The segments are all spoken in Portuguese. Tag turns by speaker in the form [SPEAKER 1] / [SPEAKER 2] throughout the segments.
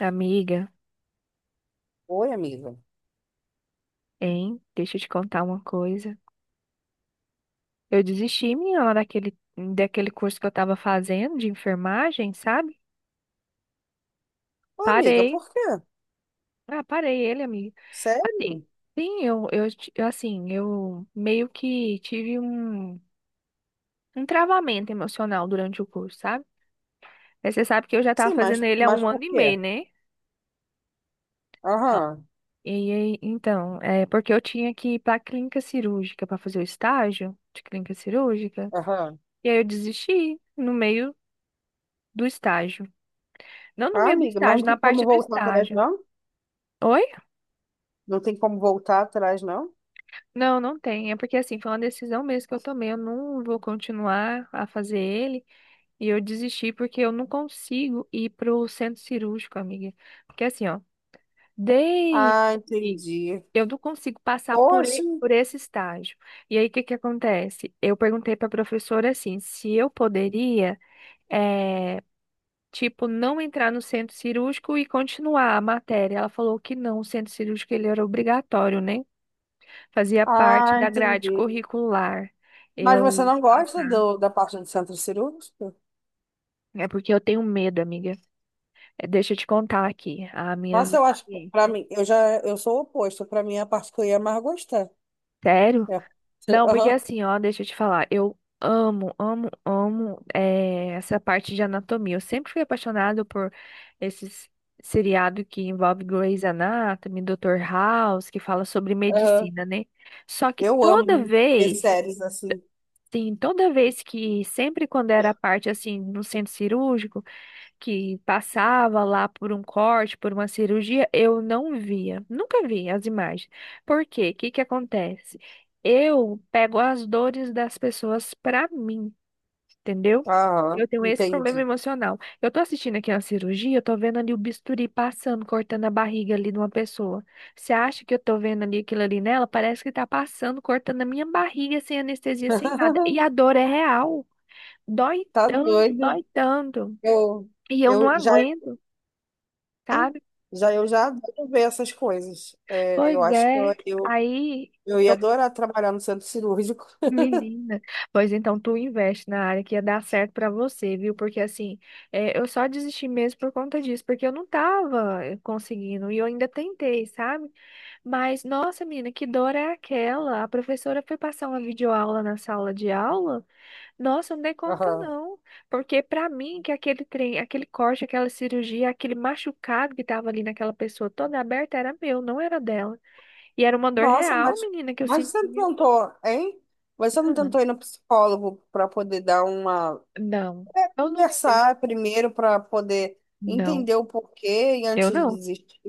[SPEAKER 1] Amiga,
[SPEAKER 2] Oi, amiga.
[SPEAKER 1] hein? Deixa eu te contar uma coisa. Eu desisti, menina, daquele curso que eu tava fazendo de enfermagem, sabe?
[SPEAKER 2] Oi, amiga,
[SPEAKER 1] Parei.
[SPEAKER 2] por quê?
[SPEAKER 1] Ah, parei ele, amiga. Assim,
[SPEAKER 2] Sério?
[SPEAKER 1] sim, eu, assim, eu meio que tive um travamento emocional durante o curso, sabe? Mas você sabe que eu já tava
[SPEAKER 2] Sim,
[SPEAKER 1] fazendo
[SPEAKER 2] mas,
[SPEAKER 1] ele há
[SPEAKER 2] mas
[SPEAKER 1] um
[SPEAKER 2] por
[SPEAKER 1] ano e
[SPEAKER 2] quê?
[SPEAKER 1] meio, né? Ó,
[SPEAKER 2] Aham,
[SPEAKER 1] e aí, então, é porque eu tinha que ir pra clínica cirúrgica pra fazer o estágio de clínica cirúrgica.
[SPEAKER 2] aham.
[SPEAKER 1] E aí eu desisti no meio do estágio. Não no
[SPEAKER 2] Ah,
[SPEAKER 1] meio do
[SPEAKER 2] amiga, mas
[SPEAKER 1] estágio,
[SPEAKER 2] não
[SPEAKER 1] na
[SPEAKER 2] tem como
[SPEAKER 1] parte do
[SPEAKER 2] voltar atrás,
[SPEAKER 1] estágio.
[SPEAKER 2] não?
[SPEAKER 1] Oi?
[SPEAKER 2] Não tem como voltar atrás, não?
[SPEAKER 1] Não, não tem. É porque assim, foi uma decisão mesmo que eu tomei. Eu não vou continuar a fazer ele. E eu desisti porque eu não consigo ir pro centro cirúrgico, amiga. Porque assim, ó, desde
[SPEAKER 2] Ah, entendi.
[SPEAKER 1] eu não consigo passar
[SPEAKER 2] Poxa,
[SPEAKER 1] por esse estágio. E aí, o que que acontece? Eu perguntei pra professora assim, se eu poderia. eh, tipo, não entrar no centro cirúrgico e continuar a matéria. Ela falou que não, o centro cirúrgico ele era obrigatório, né? Fazia parte
[SPEAKER 2] ah,
[SPEAKER 1] da grade
[SPEAKER 2] entendi.
[SPEAKER 1] curricular.
[SPEAKER 2] Mas você
[SPEAKER 1] Eu
[SPEAKER 2] não gosta
[SPEAKER 1] passar.
[SPEAKER 2] da parte do centro cirúrgico?
[SPEAKER 1] É porque eu tenho medo, amiga. É, deixa eu te contar aqui as minhas
[SPEAKER 2] Nossa, para
[SPEAKER 1] experiências.
[SPEAKER 2] mim, eu sou o oposto. Para mim, é a parte que eu ia mais gostar.
[SPEAKER 1] Sério?
[SPEAKER 2] É.
[SPEAKER 1] Não, porque
[SPEAKER 2] Aham,
[SPEAKER 1] assim, ó, deixa eu te falar, eu amo, amo, amo essa parte de anatomia. Eu sempre fui apaixonado por esses seriado que envolve Grey's Anatomy, Dr. House, que fala sobre
[SPEAKER 2] aham.
[SPEAKER 1] medicina, né? Só que
[SPEAKER 2] Eu
[SPEAKER 1] toda
[SPEAKER 2] amo ver
[SPEAKER 1] vez,
[SPEAKER 2] séries assim.
[SPEAKER 1] sim, toda sempre quando era a parte assim, no centro cirúrgico, que passava lá por um corte, por uma cirurgia, eu não via, nunca vi as imagens. Por quê? O que que acontece? Eu pego as dores das pessoas pra mim, entendeu?
[SPEAKER 2] Aham,
[SPEAKER 1] Eu tenho esse problema
[SPEAKER 2] entendi.
[SPEAKER 1] emocional. Eu tô assistindo aqui uma cirurgia, eu tô vendo ali o bisturi passando, cortando a barriga ali de uma pessoa. Você acha que eu tô vendo ali aquilo ali nela? Parece que tá passando, cortando a minha barriga sem anestesia, sem nada. E a dor é real. Dói
[SPEAKER 2] Tá
[SPEAKER 1] tanto,
[SPEAKER 2] doida.
[SPEAKER 1] dói tanto.
[SPEAKER 2] Eu,
[SPEAKER 1] E eu não
[SPEAKER 2] eu já,
[SPEAKER 1] aguento, sabe?
[SPEAKER 2] eu já adoro ver essas coisas. É,
[SPEAKER 1] Pois
[SPEAKER 2] eu acho que eu,
[SPEAKER 1] é.
[SPEAKER 2] eu,
[SPEAKER 1] Aí
[SPEAKER 2] eu ia
[SPEAKER 1] eu,
[SPEAKER 2] adorar trabalhar no centro cirúrgico.
[SPEAKER 1] menina, pois então tu investe na área que ia dar certo pra você, viu? Porque assim, é, eu só desisti mesmo por conta disso, porque eu não tava conseguindo e eu ainda tentei, sabe? Mas nossa, menina, que dor é aquela? A professora foi passar uma videoaula na sala de aula? Nossa, eu não dei conta
[SPEAKER 2] Aham.
[SPEAKER 1] não, porque pra mim que aquele trem, aquele corte, aquela cirurgia, aquele machucado que tava ali naquela pessoa toda aberta era meu, não era dela. E era uma dor
[SPEAKER 2] Nossa,
[SPEAKER 1] real, menina, que eu
[SPEAKER 2] mas você não
[SPEAKER 1] sentia.
[SPEAKER 2] tentou, hein? Você não
[SPEAKER 1] Ah,
[SPEAKER 2] tentou ir no psicólogo para poder dar uma
[SPEAKER 1] não, eu não tentei.
[SPEAKER 2] conversar primeiro para poder
[SPEAKER 1] Não,
[SPEAKER 2] entender o porquê e
[SPEAKER 1] eu
[SPEAKER 2] antes de
[SPEAKER 1] não.
[SPEAKER 2] desistir.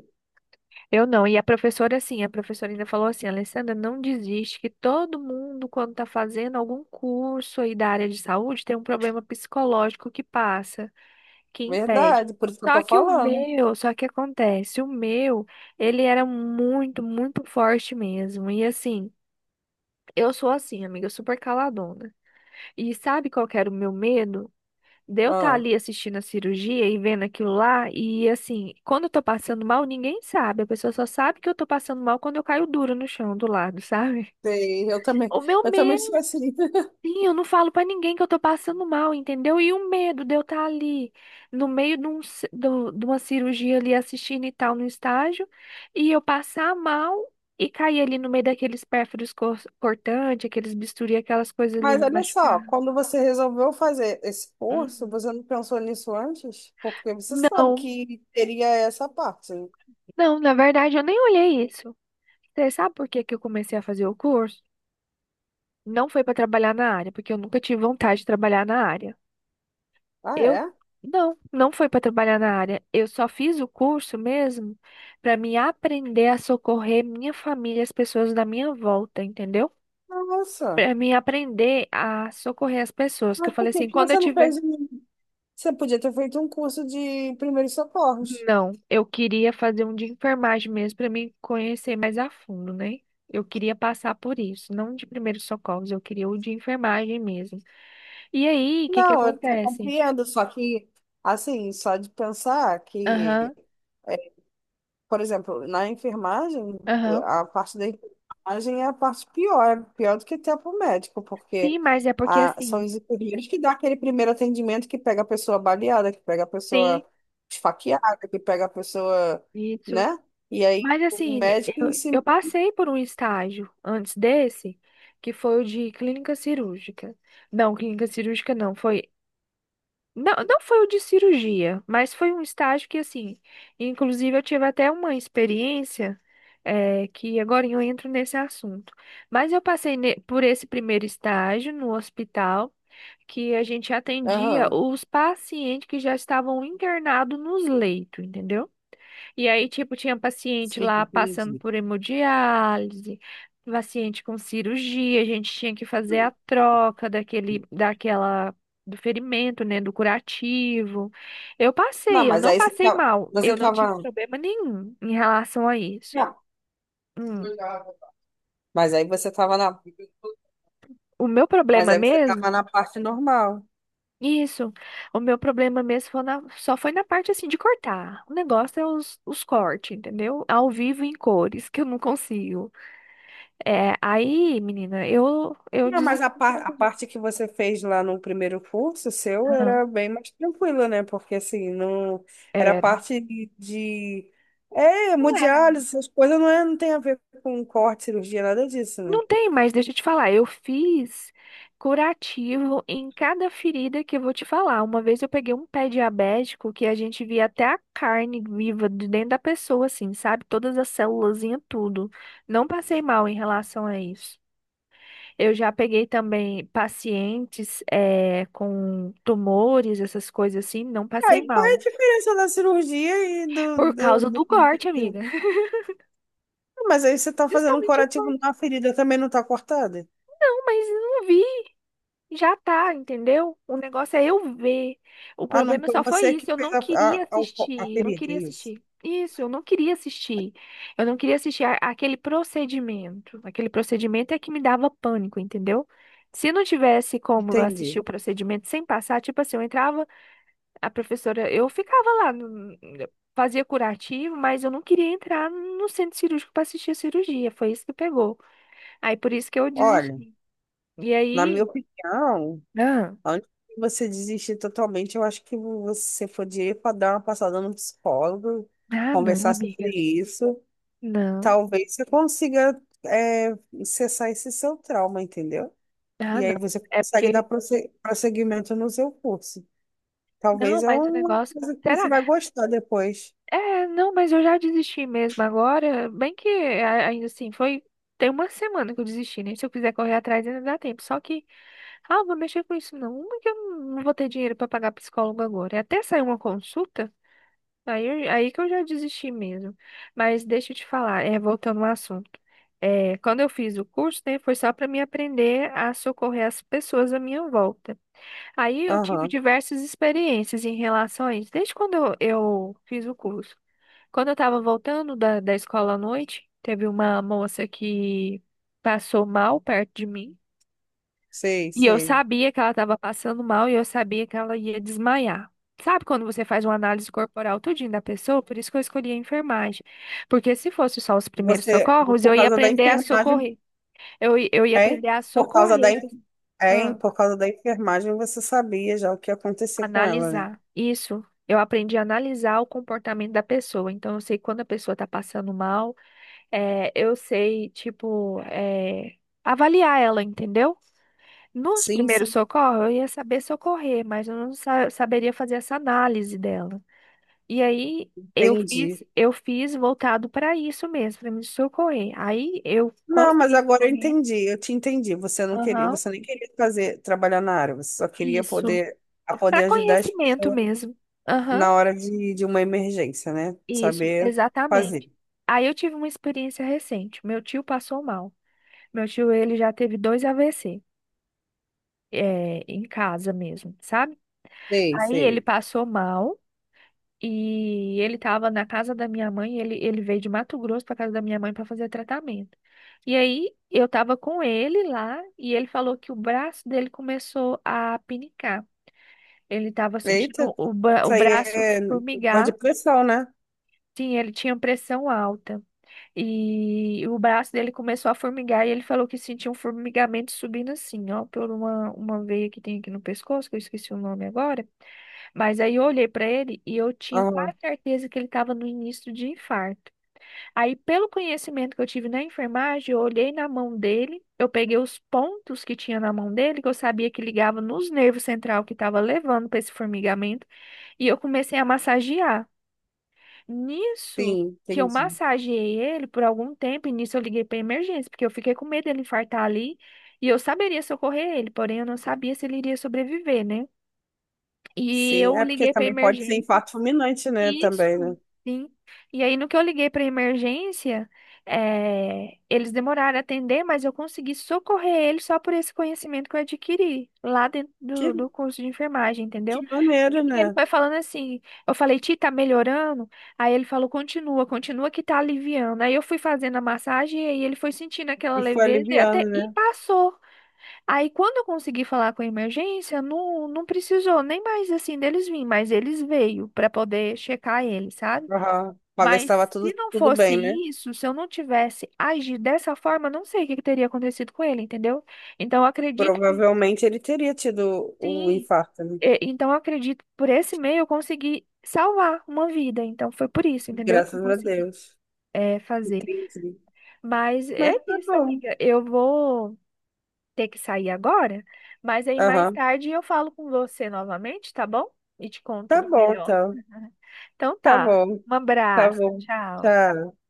[SPEAKER 1] Eu não. E a professora, assim, a professora ainda falou assim, Alessandra, não desiste, que todo mundo, quando tá fazendo algum curso aí da área de saúde, tem um problema psicológico que passa, que impede.
[SPEAKER 2] Verdade, por isso que eu tô
[SPEAKER 1] Só que o
[SPEAKER 2] falando.
[SPEAKER 1] meu, só que acontece, o meu, ele era muito, muito forte mesmo. E assim, eu sou assim, amiga, super caladona. E sabe qual que era o meu medo? De eu estar
[SPEAKER 2] Ah,
[SPEAKER 1] ali assistindo a cirurgia e vendo aquilo lá, e assim, quando eu tô passando mal, ninguém sabe. A pessoa só sabe que eu tô passando mal quando eu caio duro no chão do lado, sabe?
[SPEAKER 2] sei,
[SPEAKER 1] O meu
[SPEAKER 2] eu também sou
[SPEAKER 1] medo,
[SPEAKER 2] assim.
[SPEAKER 1] sim, eu não falo pra ninguém que eu tô passando mal, entendeu? E o medo de eu estar ali no meio de, um, ci- do- de uma cirurgia ali assistindo e tal no estágio, e eu passar mal. E cair ali no meio daqueles pérfuros cortantes, aqueles bisturi, aquelas coisas ali
[SPEAKER 2] Mas
[SPEAKER 1] me
[SPEAKER 2] olha
[SPEAKER 1] machucar.
[SPEAKER 2] só, quando você resolveu fazer esse curso,
[SPEAKER 1] Hum.
[SPEAKER 2] você não pensou nisso antes? Porque você sabe
[SPEAKER 1] Não,
[SPEAKER 2] que teria essa parte.
[SPEAKER 1] não, na verdade eu nem olhei isso. Você sabe por que que eu comecei a fazer o curso? Não foi para trabalhar na área, porque eu nunca tive vontade de trabalhar na área.
[SPEAKER 2] Ah,
[SPEAKER 1] Eu
[SPEAKER 2] é?
[SPEAKER 1] não, não foi para trabalhar na área. Eu só fiz o curso mesmo para me aprender a socorrer minha família, e as pessoas da minha volta, entendeu?
[SPEAKER 2] Nossa.
[SPEAKER 1] Para me aprender a socorrer as pessoas, que eu
[SPEAKER 2] Mas
[SPEAKER 1] falei
[SPEAKER 2] por que
[SPEAKER 1] assim,
[SPEAKER 2] que
[SPEAKER 1] quando eu
[SPEAKER 2] você não
[SPEAKER 1] tiver.
[SPEAKER 2] fez? Você podia ter feito um curso de primeiros socorros.
[SPEAKER 1] Não, eu queria fazer um de enfermagem mesmo para me conhecer mais a fundo, né? Eu queria passar por isso, não de primeiros socorros, eu queria o de enfermagem mesmo. E aí, o que que
[SPEAKER 2] Não, eu até
[SPEAKER 1] acontece?
[SPEAKER 2] compreendo, só que, assim, só de pensar que.
[SPEAKER 1] Aham,
[SPEAKER 2] Por exemplo, na enfermagem,
[SPEAKER 1] aham.
[SPEAKER 2] a parte da enfermagem é a parte pior, é pior do que até para o médico, porque
[SPEAKER 1] Sim, mas é porque
[SPEAKER 2] são
[SPEAKER 1] assim,
[SPEAKER 2] os enfermeiros que dão aquele primeiro atendimento, que pega a pessoa baleada, que pega a pessoa
[SPEAKER 1] sim,
[SPEAKER 2] esfaqueada, que pega a pessoa,
[SPEAKER 1] isso.
[SPEAKER 2] né? E aí
[SPEAKER 1] Mas
[SPEAKER 2] o
[SPEAKER 1] assim,
[SPEAKER 2] médico em si.
[SPEAKER 1] eu passei por um estágio antes desse, que foi o de clínica cirúrgica. Não, clínica cirúrgica não, foi. Não, não foi o de cirurgia, mas foi um estágio que, assim, inclusive eu tive até uma experiência, que agora eu entro nesse assunto. Mas eu passei por esse primeiro estágio no hospital, que a gente atendia
[SPEAKER 2] Aham,
[SPEAKER 1] os pacientes que já estavam internados nos leitos, entendeu? E aí, tipo, tinha paciente
[SPEAKER 2] sim,
[SPEAKER 1] lá passando
[SPEAKER 2] entendi.
[SPEAKER 1] por hemodiálise, paciente com cirurgia, a gente tinha que fazer a troca do ferimento, né, do curativo. Eu
[SPEAKER 2] Não,
[SPEAKER 1] passei, eu
[SPEAKER 2] mas
[SPEAKER 1] não
[SPEAKER 2] aí você
[SPEAKER 1] passei
[SPEAKER 2] tava.
[SPEAKER 1] mal,
[SPEAKER 2] Você
[SPEAKER 1] eu não tive
[SPEAKER 2] tava...
[SPEAKER 1] problema nenhum em relação a isso.
[SPEAKER 2] Não,
[SPEAKER 1] Hum,
[SPEAKER 2] mas aí você tava na.
[SPEAKER 1] o meu
[SPEAKER 2] Mas
[SPEAKER 1] problema
[SPEAKER 2] aí você tava
[SPEAKER 1] mesmo,
[SPEAKER 2] na parte normal.
[SPEAKER 1] isso, o meu problema mesmo foi só foi na parte, assim, de cortar. O negócio é os cortes, entendeu? Ao vivo em cores, que eu não consigo. É, aí, menina, eu
[SPEAKER 2] Não,
[SPEAKER 1] desisti. De
[SPEAKER 2] a
[SPEAKER 1] conta disso.
[SPEAKER 2] parte que você fez lá no primeiro curso seu
[SPEAKER 1] Ah,
[SPEAKER 2] era bem mais tranquila, né? Porque assim, não era
[SPEAKER 1] era.
[SPEAKER 2] parte de- é,
[SPEAKER 1] Não era, menina.
[SPEAKER 2] hemodiálise, essas coisas não, é, não tem a ver com corte, cirurgia, nada disso, né?
[SPEAKER 1] Não tem, mas deixa eu te falar. Eu fiz curativo em cada ferida que eu vou te falar. Uma vez eu peguei um pé diabético que a gente via até a carne viva de dentro da pessoa, assim, sabe? Todas as células, tudo. Não passei mal em relação a isso. Eu já peguei também pacientes é, com tumores, essas coisas assim, não passei
[SPEAKER 2] Aí, qual é a
[SPEAKER 1] mal.
[SPEAKER 2] diferença da cirurgia e do,
[SPEAKER 1] Por
[SPEAKER 2] do,
[SPEAKER 1] causa do
[SPEAKER 2] do-
[SPEAKER 1] corte,
[SPEAKER 2] do-
[SPEAKER 1] amiga.
[SPEAKER 2] Mas aí você tá fazendo um
[SPEAKER 1] Justamente o
[SPEAKER 2] curativo
[SPEAKER 1] plano,
[SPEAKER 2] na ferida, também não tá cortada?
[SPEAKER 1] "Não, mas não vi, já tá, entendeu? O negócio é eu ver. O
[SPEAKER 2] Ah, não,
[SPEAKER 1] problema
[SPEAKER 2] foi
[SPEAKER 1] só foi
[SPEAKER 2] você que
[SPEAKER 1] isso, eu
[SPEAKER 2] fez
[SPEAKER 1] não queria
[SPEAKER 2] a
[SPEAKER 1] assistir, eu não
[SPEAKER 2] ferida, é
[SPEAKER 1] queria
[SPEAKER 2] isso.
[SPEAKER 1] assistir. Isso, eu não queria assistir. Eu não queria assistir aquele procedimento. Aquele procedimento é que me dava pânico, entendeu? Se não tivesse como eu
[SPEAKER 2] Entendi.
[SPEAKER 1] assistir o procedimento sem passar, tipo assim, eu entrava, a professora, eu ficava lá, fazia curativo, mas eu não queria entrar no centro cirúrgico para assistir a cirurgia. Foi isso que pegou. Aí por isso que eu
[SPEAKER 2] Olha,
[SPEAKER 1] desisti. E
[SPEAKER 2] na minha
[SPEAKER 1] aí,
[SPEAKER 2] opinião.
[SPEAKER 1] ah,
[SPEAKER 2] Antes de você desistir totalmente, eu acho que você podia para dar uma passada no psicólogo,
[SPEAKER 1] ah, não,
[SPEAKER 2] conversar sobre
[SPEAKER 1] amiga,
[SPEAKER 2] isso.
[SPEAKER 1] não,
[SPEAKER 2] Talvez você consiga é, cessar esse seu trauma, entendeu?
[SPEAKER 1] ah,
[SPEAKER 2] E
[SPEAKER 1] não,
[SPEAKER 2] aí você
[SPEAKER 1] é
[SPEAKER 2] consegue dar
[SPEAKER 1] porque,
[SPEAKER 2] prosseguimento no seu curso. Talvez
[SPEAKER 1] não,
[SPEAKER 2] é
[SPEAKER 1] mas o
[SPEAKER 2] uma
[SPEAKER 1] negócio,
[SPEAKER 2] coisa que você
[SPEAKER 1] será?
[SPEAKER 2] vai gostar depois.
[SPEAKER 1] É, não, mas eu já desisti mesmo agora, bem ainda assim, foi, tem uma semana que eu desisti, né? Se eu quiser correr atrás ainda dá tempo, só que, ah, eu vou mexer com isso não, uma que eu não vou ter dinheiro pra pagar psicólogo agora, e até sair uma consulta, aí, aí que eu já desisti mesmo. Mas deixa eu te falar, é, voltando ao assunto. É, quando eu fiz o curso, né, foi só para me aprender a socorrer as pessoas à minha volta. Aí eu tive
[SPEAKER 2] Aham,
[SPEAKER 1] diversas experiências em relação a isso, desde quando eu fiz o curso. Quando eu estava voltando da escola à noite, teve uma moça que passou mal perto de mim.
[SPEAKER 2] sei,
[SPEAKER 1] E eu
[SPEAKER 2] sei.
[SPEAKER 1] sabia que ela estava passando mal e eu sabia que ela ia desmaiar. Sabe quando você faz uma análise corporal tudinho da pessoa? Por isso que eu escolhi a enfermagem. Porque se fosse só os primeiros
[SPEAKER 2] Você,
[SPEAKER 1] socorros,
[SPEAKER 2] por
[SPEAKER 1] eu ia
[SPEAKER 2] causa da
[SPEAKER 1] aprender a
[SPEAKER 2] enfermagem,
[SPEAKER 1] socorrer. Eu ia
[SPEAKER 2] é?
[SPEAKER 1] aprender a
[SPEAKER 2] Por causa
[SPEAKER 1] socorrer, a pessoa.
[SPEAKER 2] é,
[SPEAKER 1] Ah,
[SPEAKER 2] por causa da enfermagem, você sabia já o que ia acontecer com ela, né?
[SPEAKER 1] analisar. Isso. Eu aprendi a analisar o comportamento da pessoa. Então, eu sei quando a pessoa está passando mal, eu sei, tipo, avaliar ela, entendeu? Nos
[SPEAKER 2] Sim,
[SPEAKER 1] primeiros
[SPEAKER 2] sim.
[SPEAKER 1] socorros, eu ia saber socorrer, mas eu não saberia fazer essa análise dela. E aí
[SPEAKER 2] Entendi.
[SPEAKER 1] eu fiz voltado para isso mesmo, para me socorrer. Aí eu
[SPEAKER 2] Não, mas
[SPEAKER 1] consegui
[SPEAKER 2] agora eu
[SPEAKER 1] socorrer.
[SPEAKER 2] entendi, eu te entendi. Você não queria,
[SPEAKER 1] Aham,
[SPEAKER 2] você nem queria fazer, trabalhar na área, você só queria
[SPEAKER 1] isso.
[SPEAKER 2] poder, a
[SPEAKER 1] Para
[SPEAKER 2] poder ajudar as
[SPEAKER 1] conhecimento
[SPEAKER 2] pessoas
[SPEAKER 1] mesmo. Aham,
[SPEAKER 2] na hora de uma emergência, né?
[SPEAKER 1] isso,
[SPEAKER 2] Saber
[SPEAKER 1] exatamente.
[SPEAKER 2] fazer.
[SPEAKER 1] Aí eu tive uma experiência recente. Meu tio passou mal. Meu tio, ele já teve dois AVC, é, em casa mesmo, sabe?
[SPEAKER 2] Sei,
[SPEAKER 1] Aí ele
[SPEAKER 2] sei.
[SPEAKER 1] passou mal. E ele estava na casa da minha mãe, ele veio de Mato Grosso para casa da minha mãe para fazer tratamento. E aí eu estava com ele lá e ele falou que o braço dele começou a pinicar. Ele estava sentindo
[SPEAKER 2] Eita,
[SPEAKER 1] o
[SPEAKER 2] isso aí
[SPEAKER 1] braço
[SPEAKER 2] é dor de
[SPEAKER 1] formigar.
[SPEAKER 2] pressão, né?
[SPEAKER 1] Sim, ele tinha pressão alta. E o braço dele começou a formigar e ele falou que sentiu um formigamento subindo assim, ó, por uma veia que tem aqui no pescoço, que eu esqueci o nome agora. Mas aí eu olhei para ele e eu tinha
[SPEAKER 2] Aham,
[SPEAKER 1] quase certeza que ele estava no início de infarto. Aí, pelo conhecimento que eu tive na enfermagem, eu olhei na mão dele, eu peguei os pontos que tinha na mão dele, que eu sabia que ligava nos nervos central que estava levando para esse formigamento, e eu comecei a massagear. Nisso
[SPEAKER 2] sim,
[SPEAKER 1] que eu
[SPEAKER 2] entendi.
[SPEAKER 1] massageei ele por algum tempo, e nisso eu liguei para emergência, porque eu fiquei com medo dele infartar ali, e eu saberia socorrer ele, porém eu não sabia se ele iria sobreviver, né? E
[SPEAKER 2] Sim,
[SPEAKER 1] eu
[SPEAKER 2] é porque
[SPEAKER 1] liguei para
[SPEAKER 2] também pode ser
[SPEAKER 1] emergência.
[SPEAKER 2] infarto fulminante, né?
[SPEAKER 1] Isso,
[SPEAKER 2] Também, né?
[SPEAKER 1] sim. E aí, no que eu liguei para emergência, eles demoraram a atender, mas eu consegui socorrer eles só por esse conhecimento que eu adquiri lá dentro
[SPEAKER 2] Que,
[SPEAKER 1] do curso de enfermagem,
[SPEAKER 2] que
[SPEAKER 1] entendeu?
[SPEAKER 2] maneira,
[SPEAKER 1] E
[SPEAKER 2] né?
[SPEAKER 1] ele foi falando assim, eu falei, Ti, tá melhorando? Aí ele falou, continua, continua que tá aliviando. Aí eu fui fazendo a massagem e aí ele foi sentindo aquela
[SPEAKER 2] E foi
[SPEAKER 1] leveza e
[SPEAKER 2] aliviando,
[SPEAKER 1] até e
[SPEAKER 2] né?
[SPEAKER 1] passou. Aí, quando eu consegui falar com a emergência, não, não precisou nem mais assim deles virem, mas eles veio para poder checar ele, sabe?
[SPEAKER 2] Aham. Pra ver se
[SPEAKER 1] Mas
[SPEAKER 2] estava
[SPEAKER 1] se
[SPEAKER 2] tudo,
[SPEAKER 1] não
[SPEAKER 2] tudo
[SPEAKER 1] fosse
[SPEAKER 2] bem, né?
[SPEAKER 1] isso, se eu não tivesse agido dessa forma, não sei o que que teria acontecido com ele, entendeu? Então, eu acredito que
[SPEAKER 2] Provavelmente ele teria tido o
[SPEAKER 1] sim.
[SPEAKER 2] infarto, né?
[SPEAKER 1] E- então, eu acredito que por esse meio eu consegui salvar uma vida. Então, foi por isso, entendeu? Que eu
[SPEAKER 2] Graças a
[SPEAKER 1] consegui
[SPEAKER 2] Deus.
[SPEAKER 1] é, fazer.
[SPEAKER 2] Entendi.
[SPEAKER 1] Mas é
[SPEAKER 2] Mas tá
[SPEAKER 1] isso,
[SPEAKER 2] bom.
[SPEAKER 1] amiga. Eu vou ter que sair agora, mas aí mais
[SPEAKER 2] Aham.
[SPEAKER 1] tarde eu falo com você novamente, tá bom? E te
[SPEAKER 2] Tá
[SPEAKER 1] conto
[SPEAKER 2] bom,
[SPEAKER 1] melhor.
[SPEAKER 2] então.
[SPEAKER 1] Então
[SPEAKER 2] Tá
[SPEAKER 1] tá.
[SPEAKER 2] bom.
[SPEAKER 1] Um
[SPEAKER 2] Tá
[SPEAKER 1] abraço,
[SPEAKER 2] bom.
[SPEAKER 1] tchau.
[SPEAKER 2] Tchau.